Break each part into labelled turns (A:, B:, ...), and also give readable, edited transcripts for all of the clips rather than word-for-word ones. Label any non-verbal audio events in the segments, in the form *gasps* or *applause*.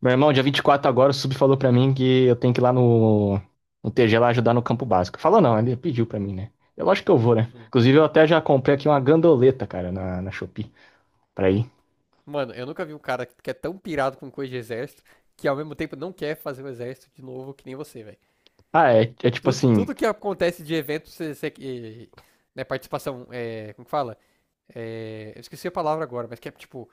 A: Meu irmão, dia 24 agora, o Sub falou pra mim que eu tenho que ir lá no TG lá ajudar no campo básico. Falou não, ele pediu pra mim, né? É lógico que eu vou, né?
B: Hum.
A: Inclusive, eu até já comprei aqui uma gandoleta, cara, na Shopee, pra ir.
B: Mano, eu nunca vi um cara que é tão pirado com coisa de exército que ao mesmo tempo não quer fazer o exército de novo que nem você, velho.
A: Ah, é tipo
B: Tudo,
A: assim,
B: tudo que acontece de evento, né, participação, é, como que fala? É, eu esqueci a palavra agora, mas que é tipo,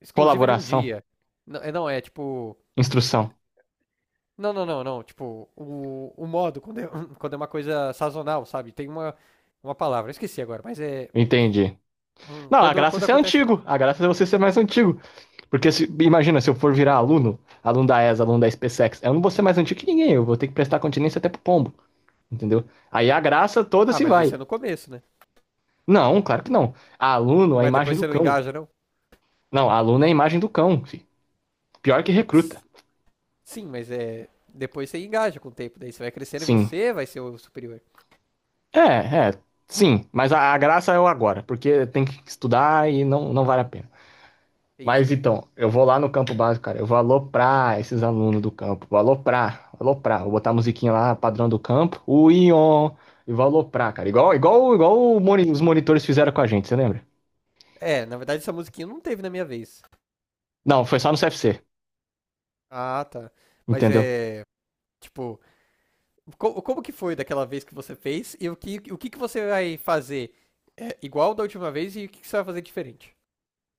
B: exclusiva de um
A: colaboração,
B: dia. Não, é, não, é tipo.
A: instrução.
B: Não. Tipo, o modo, *laughs* *clears throat* quando é uma coisa sazonal, sabe? Tem uma palavra, eu esqueci agora, mas é.
A: Entendi. Não, a graça é
B: Quando
A: ser
B: acontece.
A: antigo. A graça é você ser mais antigo. Porque imagina, se eu for virar aluno, aluno da ESA, aluno da SpaceX, eu não vou ser mais antigo que ninguém. Eu vou ter que prestar continência até pro pombo, entendeu? Aí a graça toda
B: Ah,
A: se
B: mas isso
A: vai.
B: é no começo, né?
A: Não, claro que não. Aluno, a
B: Ué,
A: imagem
B: depois
A: do
B: você não
A: cão.
B: engaja,
A: Não, aluno é a imagem do cão, fi.
B: não?
A: Pior que recruta.
B: Sim, mas é. Depois você engaja com o tempo, daí você vai crescendo e
A: Sim.
B: você vai ser o superior.
A: É, é. Sim, mas a graça é o agora, porque tem que estudar e não, não vale a pena.
B: Entendi.
A: Mas então, eu vou lá no campo básico, cara. Eu vou aloprar esses alunos do campo. Vou aloprar, aloprar. Vou botar a musiquinha lá, padrão do campo. O Ion. E vou aloprar, cara. Igual os monitores fizeram com a gente, você lembra?
B: É, na verdade essa musiquinha não teve na minha vez.
A: Não, foi só no CFC,
B: Ah, tá. Mas
A: entendeu?
B: é. Tipo, como que foi daquela vez que você fez e que você vai fazer é, igual da última vez e que você vai fazer diferente?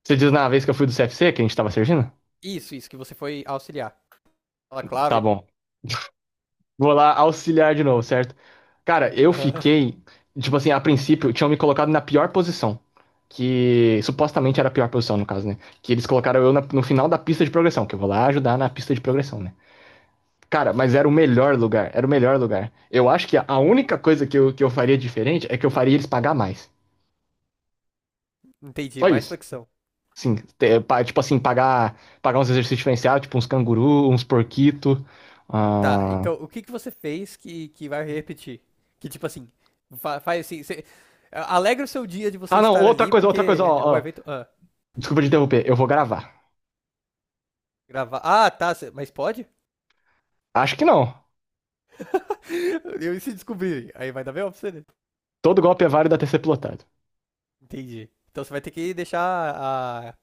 A: Você diz na vez que eu fui do CFC, que a gente tava servindo?
B: Isso, que você foi auxiliar. Fala
A: Tá
B: clave.
A: bom. Vou lá auxiliar de novo, certo? Cara, eu
B: Aham.
A: fiquei, tipo assim, a princípio, tinham me colocado na pior posição. Que supostamente era a pior posição, no caso, né? Que eles colocaram eu no final da pista de progressão, que eu vou lá ajudar na pista de progressão, né? Cara, mas era o melhor lugar, era o melhor lugar. Eu acho que a única coisa que eu faria diferente é que eu faria eles pagar mais.
B: Entendi,
A: Só
B: mais
A: isso.
B: flexão.
A: Sim, tipo assim, pagar uns exercícios diferenciados, tipo uns canguru, uns porquito.
B: Tá,
A: Ah,
B: então o que que você fez que vai repetir? Que tipo assim, faz assim, você, alegra o seu dia de você
A: ah, não,
B: estar ali,
A: outra coisa,
B: porque é
A: ó,
B: um
A: ó.
B: evento. Ah,
A: Desculpa te interromper, eu vou gravar.
B: gravar. Ah, tá, mas pode?
A: Acho que não.
B: *laughs* Eu e se descobrirem, aí vai dar bem pra você, né?
A: Todo golpe é válido até ser plotado.
B: Entendi. Então você vai ter que deixar a,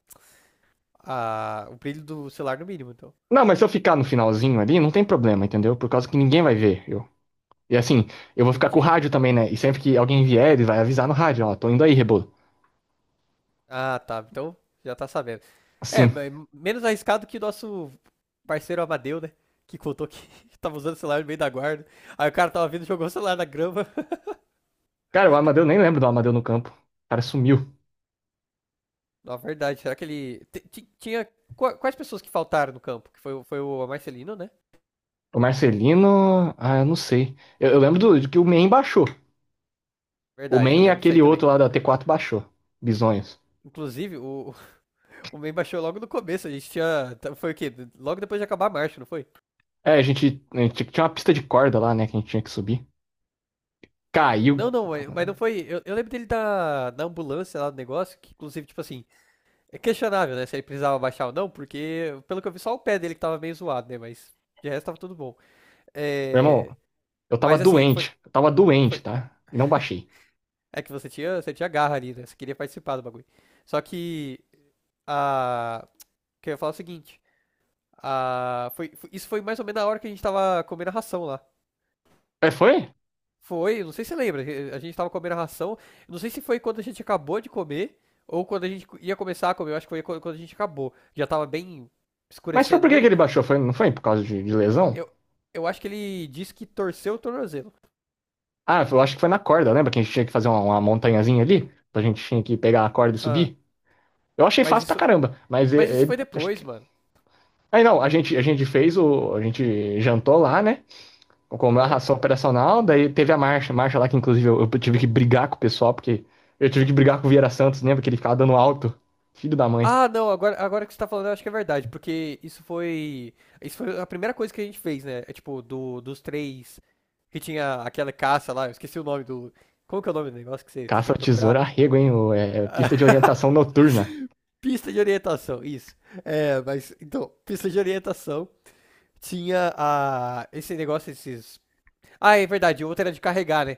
B: o brilho do celular no mínimo, então.
A: Não, mas se eu ficar no finalzinho ali, não tem problema, entendeu? Por causa que ninguém vai ver eu. E assim, eu vou ficar com o
B: Entendi.
A: rádio também, né? E sempre que alguém vier, ele vai avisar no rádio, ó, tô indo aí, Rebolo.
B: Ah, tá, então já tá sabendo. É,
A: Assim.
B: mas menos arriscado que o nosso parceiro Amadeu, né? Que contou que *laughs* tava usando o celular no meio da guarda. Aí o cara tava vindo, jogou o celular na grama. *laughs*
A: Cara, o Amadeu, nem lembro do Amadeu no campo. O cara sumiu.
B: Na verdade, será que ele. Tinha. Quais pessoas que faltaram no campo? Que foi, foi o Marcelino, né?
A: O Marcelino, ah, eu não sei. Eu lembro de que o Men baixou. O
B: Verdade, eu
A: Men e
B: lembro disso aí
A: aquele
B: também.
A: outro lá da t quatro baixou. Bisonhos.
B: Inclusive, *laughs* o Mem baixou logo no começo, a gente tinha. Foi o quê? Logo depois de acabar a marcha, não foi?
A: É, a gente tinha uma pista de corda lá, né, que a gente tinha que subir. Caiu.
B: Não, não, mas não foi. Eu lembro dele da ambulância lá do negócio, que inclusive, tipo assim, é questionável, né? Se ele precisava baixar ou não, porque, pelo que eu vi, só o pé dele que tava meio zoado, né? Mas de resto tava tudo bom.
A: Meu
B: É,
A: irmão, eu tava
B: mas assim,
A: doente. Eu tava doente,
B: foi.
A: tá? E não baixei.
B: É que você tinha garra ali, né? Você queria participar do bagulho. Só que a. Que eu ia falar o seguinte. A, isso foi mais ou menos na hora que a gente tava comendo a ração lá.
A: É, foi?
B: Foi, não sei se você lembra, a gente tava comendo a ração. Não sei se foi quando a gente acabou de comer ou quando a gente ia começar a comer. Eu acho que foi quando a gente acabou. Já tava bem
A: Mas foi
B: escurecendo
A: por que que
B: mesmo.
A: ele baixou? Foi, não foi por causa de lesão?
B: Eu, eu acho que ele disse que torceu o tornozelo.
A: Ah, eu acho que foi na corda, lembra que a gente tinha que fazer uma montanhazinha ali? A gente tinha que pegar a corda e
B: Ah,
A: subir? Eu achei
B: mas
A: fácil pra
B: isso,
A: caramba, mas
B: mas isso foi
A: acho
B: depois,
A: que...
B: mano.
A: Aí não, a gente fez o. A gente jantou lá, né? Comeu a
B: Aham.
A: ração operacional, daí teve a marcha. Marcha lá que, inclusive, eu tive que brigar com o pessoal, porque eu tive que brigar com o Vieira Santos, lembra que ele ficava dando alto? Filho da mãe.
B: Ah, não, agora que você tá falando, eu acho que é verdade, porque isso foi. Isso foi a primeira coisa que a gente fez, né? É tipo, dos três que tinha aquela caça lá, eu esqueci o nome do. Como que é o nome do negócio que você tem
A: Caça ao
B: que
A: tesouro
B: procurar?
A: arrego, hein? É pista de orientação noturna.
B: Pista de orientação, isso. É, mas então, pista de orientação tinha a, esse negócio, esses. Ah, é verdade, o outro era de carregar, né?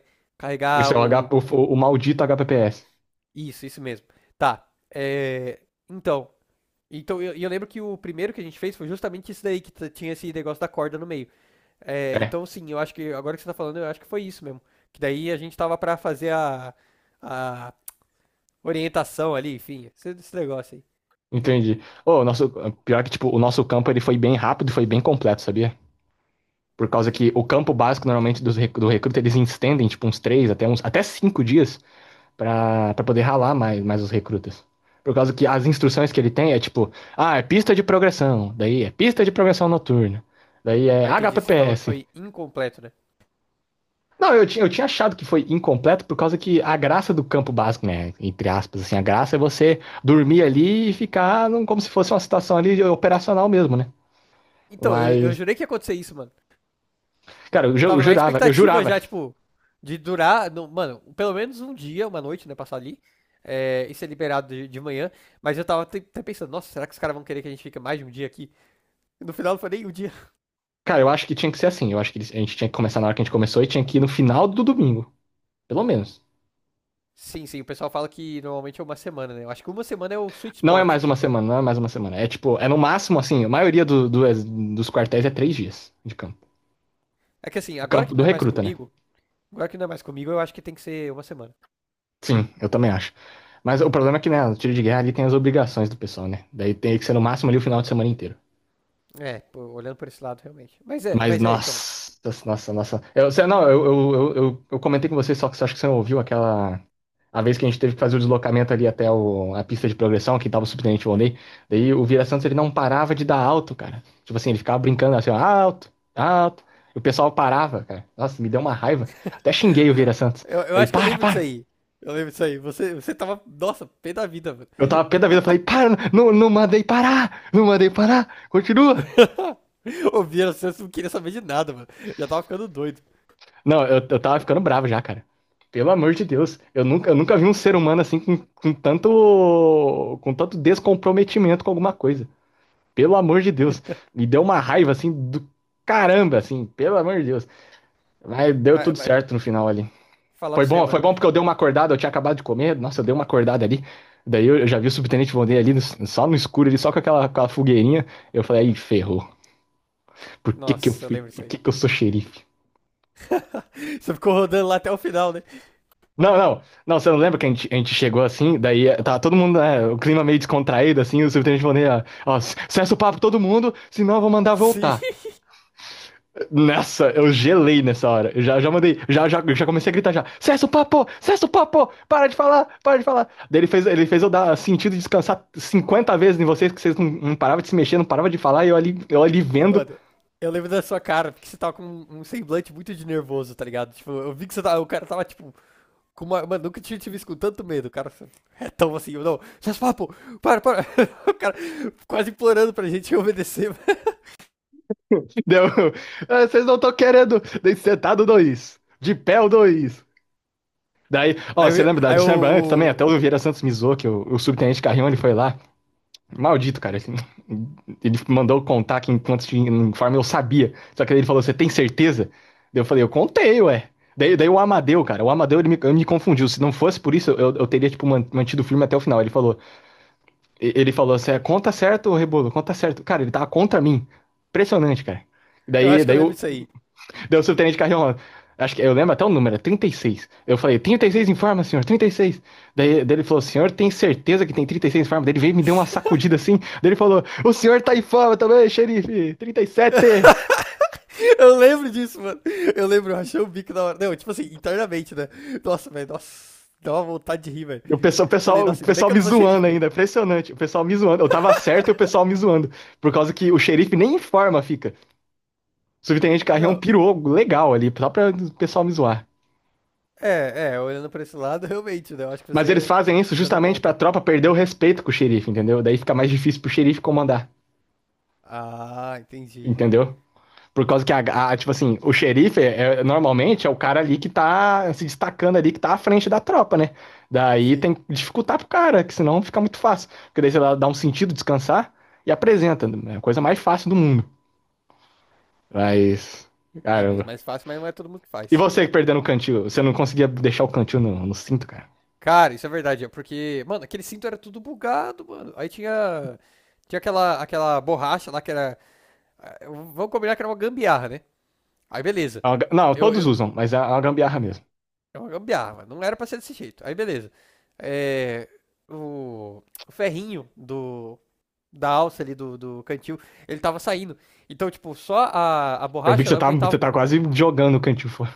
A: Isso
B: Carregar
A: é o,
B: o.
A: H, o, o maldito HPPS.
B: Isso mesmo. Tá. É, então. Então, eu lembro que o primeiro que a gente fez foi justamente isso daí, que tinha esse negócio da corda no meio. É,
A: É,
B: então, sim, eu acho que agora que você tá falando, eu acho que foi isso mesmo. Que daí a gente tava pra fazer a orientação ali, enfim, esse negócio aí.
A: entendi. Ô, o nosso, pior que, tipo, o nosso campo ele foi bem rápido e foi bem completo, sabia? Por causa que o campo básico, normalmente, do recruta, eles estendem, tipo, uns três até até 5 dias pra poder ralar mais, mais os recrutas. Por causa que as instruções que ele tem é, tipo, ah, é pista de progressão, daí é pista de progressão noturna, daí é
B: Ah, entendi, você falou que
A: HPPS.
B: foi incompleto, né?
A: Não, eu tinha achado que foi incompleto por causa que a graça do campo básico, né? Entre aspas, assim, a graça é você dormir ali e ficar como se fosse uma situação ali operacional mesmo, né?
B: Então, eu
A: Mas,
B: jurei que ia acontecer isso, mano.
A: cara, eu
B: Tava na
A: jurava, eu
B: expectativa
A: jurava.
B: já, tipo, de durar, não- mano, pelo menos um dia, uma noite, né, passar ali. É, e ser liberado de manhã. Mas eu tava até pensando, nossa, será que os caras vão querer que a gente fique mais de um dia aqui? E no final não foi nem um dia. *laughs*
A: Cara, eu acho que tinha que ser assim. Eu acho que a gente tinha que começar na hora que a gente começou e tinha que ir no final do domingo, pelo menos.
B: Sim, sim, o pessoal fala que normalmente é uma semana, né? Eu acho que uma semana é o sweet
A: Não é
B: spot,
A: mais
B: né?
A: uma semana, não é mais uma semana. É tipo, é no máximo, assim, a maioria dos quartéis é 3 dias de campo.
B: É que assim,
A: O
B: agora
A: campo
B: que
A: do
B: não é mais
A: recruta, né?
B: comigo, agora que não é mais comigo, eu acho que tem que ser uma semana.
A: Sim, eu também acho. Mas o problema é que, né, no tiro de guerra ali tem as obrigações do pessoal, né? Daí tem que ser no máximo ali o final de semana inteiro.
B: É, pô, olhando por esse lado, realmente.
A: Mas,
B: Mas é, então.
A: nossa, nossa, nossa. Não, eu comentei com você, só que você acha que você não ouviu aquela. A vez que a gente teve que fazer o deslocamento ali até a pista de progressão, que tava o subtenente Volney. Daí o Vila Santos ele não parava de dar alto, cara. Tipo assim, ele ficava brincando assim, ó, alto, alto. E o pessoal parava, cara. Nossa, me deu uma raiva. Até xinguei o Vila
B: *gasps*
A: Santos.
B: Eu
A: Falei,
B: acho que eu
A: para,
B: lembro disso
A: para.
B: aí. Eu lembro disso aí. Você tava, nossa, pé da vida, mano.
A: Eu tava pé da vida, eu falei, para, não, não mandei parar, não mandei parar, continua.
B: *laughs* Ouvia, você não queria saber de nada, mano. Já tava ficando doido.
A: Não, eu tava ficando bravo já, cara. Pelo amor de Deus, eu nunca vi um ser humano assim com tanto, com tanto descomprometimento com alguma coisa. Pelo amor de Deus,
B: *laughs*
A: me deu uma raiva assim do caramba, assim, pelo amor de Deus. Mas deu
B: Mas,
A: tudo
B: mas
A: certo no final ali.
B: falar pra você,
A: Foi
B: mano.
A: bom porque eu dei uma acordada, eu tinha acabado de comer, nossa, eu dei uma acordada ali. Daí eu já vi o subtenente Vonder ali, só no escuro, ali, só com aquela fogueirinha. Eu falei, aí ferrou. Por que que eu
B: Nossa, eu
A: fui?
B: lembro disso
A: Por
B: aí.
A: que que eu sou xerife?
B: *laughs* Você ficou rodando lá até o final, né?
A: Não, não, não, você não lembra que a gente chegou assim, daí tá todo mundo, né, o clima meio descontraído, assim, o subtenente falou, né, ó, cessa o papo todo mundo, senão eu vou mandar
B: Sim.
A: voltar. Nossa, eu gelei nessa hora, eu já mandei, já comecei a gritar já, cessa o papo, para de falar, para de falar. Daí ele fez eu dar sentido de descansar 50 vezes em vocês, que vocês não, não paravam de se mexer, não paravam de falar, e eu ali
B: *laughs*
A: vendo.
B: Mano, eu lembro da sua cara, porque você tava com um semblante muito de nervoso, tá ligado? Tipo, eu vi que você tava, o cara tava, tipo, com uma, mano, nunca tinha tive isso com tanto medo, cara. É tão assim, não, faz papo, para. *laughs* O cara quase implorando pra gente obedecer.
A: *laughs* Deu, ah, vocês não estão querendo, daí sentado dois, de pé o dois. Daí, ó,
B: Aí,
A: você
B: eu-
A: lembra da
B: aí
A: de lembra antes também? Até
B: o-
A: o Vieira Santos me zoou, que o subtenente Carrion, ele foi lá. Maldito, cara.
B: Hum.
A: Assim, ele mandou contar que enquanto tinha informe eu sabia. Só que daí ele falou, você tem certeza? Daí eu falei, eu contei, ué. Daí o Amadeu, cara, o Amadeu ele me confundiu. Se não fosse por isso, eu teria, tipo, mantido o filme até o final. Ele falou assim, "É, conta certo, Rebolo, conta certo." Cara, ele tava contra mim. Impressionante, cara.
B: Eu
A: Daí,
B: acho que eu
A: daí
B: lembro
A: eu.
B: disso aí.
A: Deu o subtenente Carrion. Acho que eu lembro até o número, é 36. Eu falei, 36 em forma, senhor, 36. Daí ele falou, senhor, tem certeza que tem 36 em forma? Daí ele veio e me deu uma sacudida
B: *laughs*
A: assim. Daí ele falou, o senhor tá em forma também, xerife, trinta e sete.
B: Eu lembro disso, mano. Eu lembro, eu achei o bico da hora. Não, tipo assim, internamente, né? Nossa, velho, nossa. Dá uma vontade de rir, velho.
A: E o pessoal, o
B: Falei,
A: pessoal, o
B: nossa, ainda bem que
A: pessoal
B: eu
A: me
B: não sou xerife,
A: zoando
B: mano.
A: ainda, impressionante. O pessoal me zoando. Eu tava certo e o pessoal me zoando. Por causa que o xerife nem em forma fica. O subtenente Carrion
B: Não,
A: pirou legal ali, só pra o pessoal me zoar.
B: é, é, olhando pra esse lado, *laughs* realmente, né? Eu acho que
A: Mas eles
B: você,
A: fazem isso
B: você não
A: justamente pra
B: conta.
A: tropa perder o respeito com o xerife, entendeu? Daí fica mais difícil pro xerife comandar.
B: Ah, entendi.
A: Entendeu? Por causa que, tipo assim, o xerife é, normalmente é o cara ali que tá se destacando ali, que tá à frente da tropa, né? Daí
B: Sim.
A: tem que dificultar pro cara, que senão fica muito fácil. Porque daí você dá um sentido, descansar e apresenta. Né? É a coisa mais fácil do mundo. Mas,
B: É, mas
A: caramba.
B: mais fácil, mas não é todo mundo que
A: E
B: faz.
A: você que perdendo o cantil, você não conseguia deixar o cantil no cinto, cara?
B: Cara, isso é verdade, é porque, mano, aquele cinto era tudo bugado, mano. Aí tinha, tinha aquela borracha lá que era. Ah, vamos combinar que era uma gambiarra, né? Aí beleza.
A: Não,
B: Eu,
A: todos
B: eu,
A: usam, mas é uma gambiarra mesmo.
B: é uma gambiarra, não era pra ser desse jeito. Aí beleza. É, o ferrinho da alça ali do cantil, ele tava saindo. Então, tipo, só a
A: Eu vi que
B: borracha
A: você
B: ela
A: tá, você
B: aguentava.
A: tá quase jogando o cantil fora.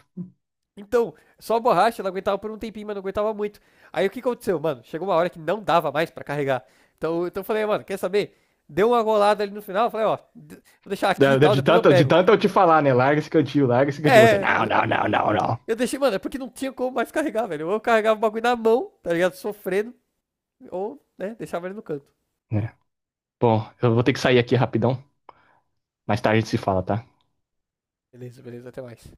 B: Então, só a borracha, ela aguentava por um tempinho, mas não aguentava muito. Aí o que aconteceu, mano? Chegou uma hora que não dava mais pra carregar. Então eu falei, "Ah, mano, quer saber? Deu uma golada ali no final, eu falei, ó, vou deixar aqui
A: De,
B: e
A: de,
B: tal,
A: de
B: depois eu
A: tanto, de
B: pego."
A: tanto eu te falar, né? Larga esse cantil, larga esse cantil. Você,
B: É,
A: não, não, não, não, não.
B: eu deixei, mano, é porque não tinha como mais carregar, velho. Ou eu carregava o bagulho na mão, tá ligado? Sofrendo, ou, né, deixava ele no canto.
A: É. Bom, eu vou ter que sair aqui rapidão. Mais tarde a gente se fala, tá?
B: Beleza, beleza, até mais.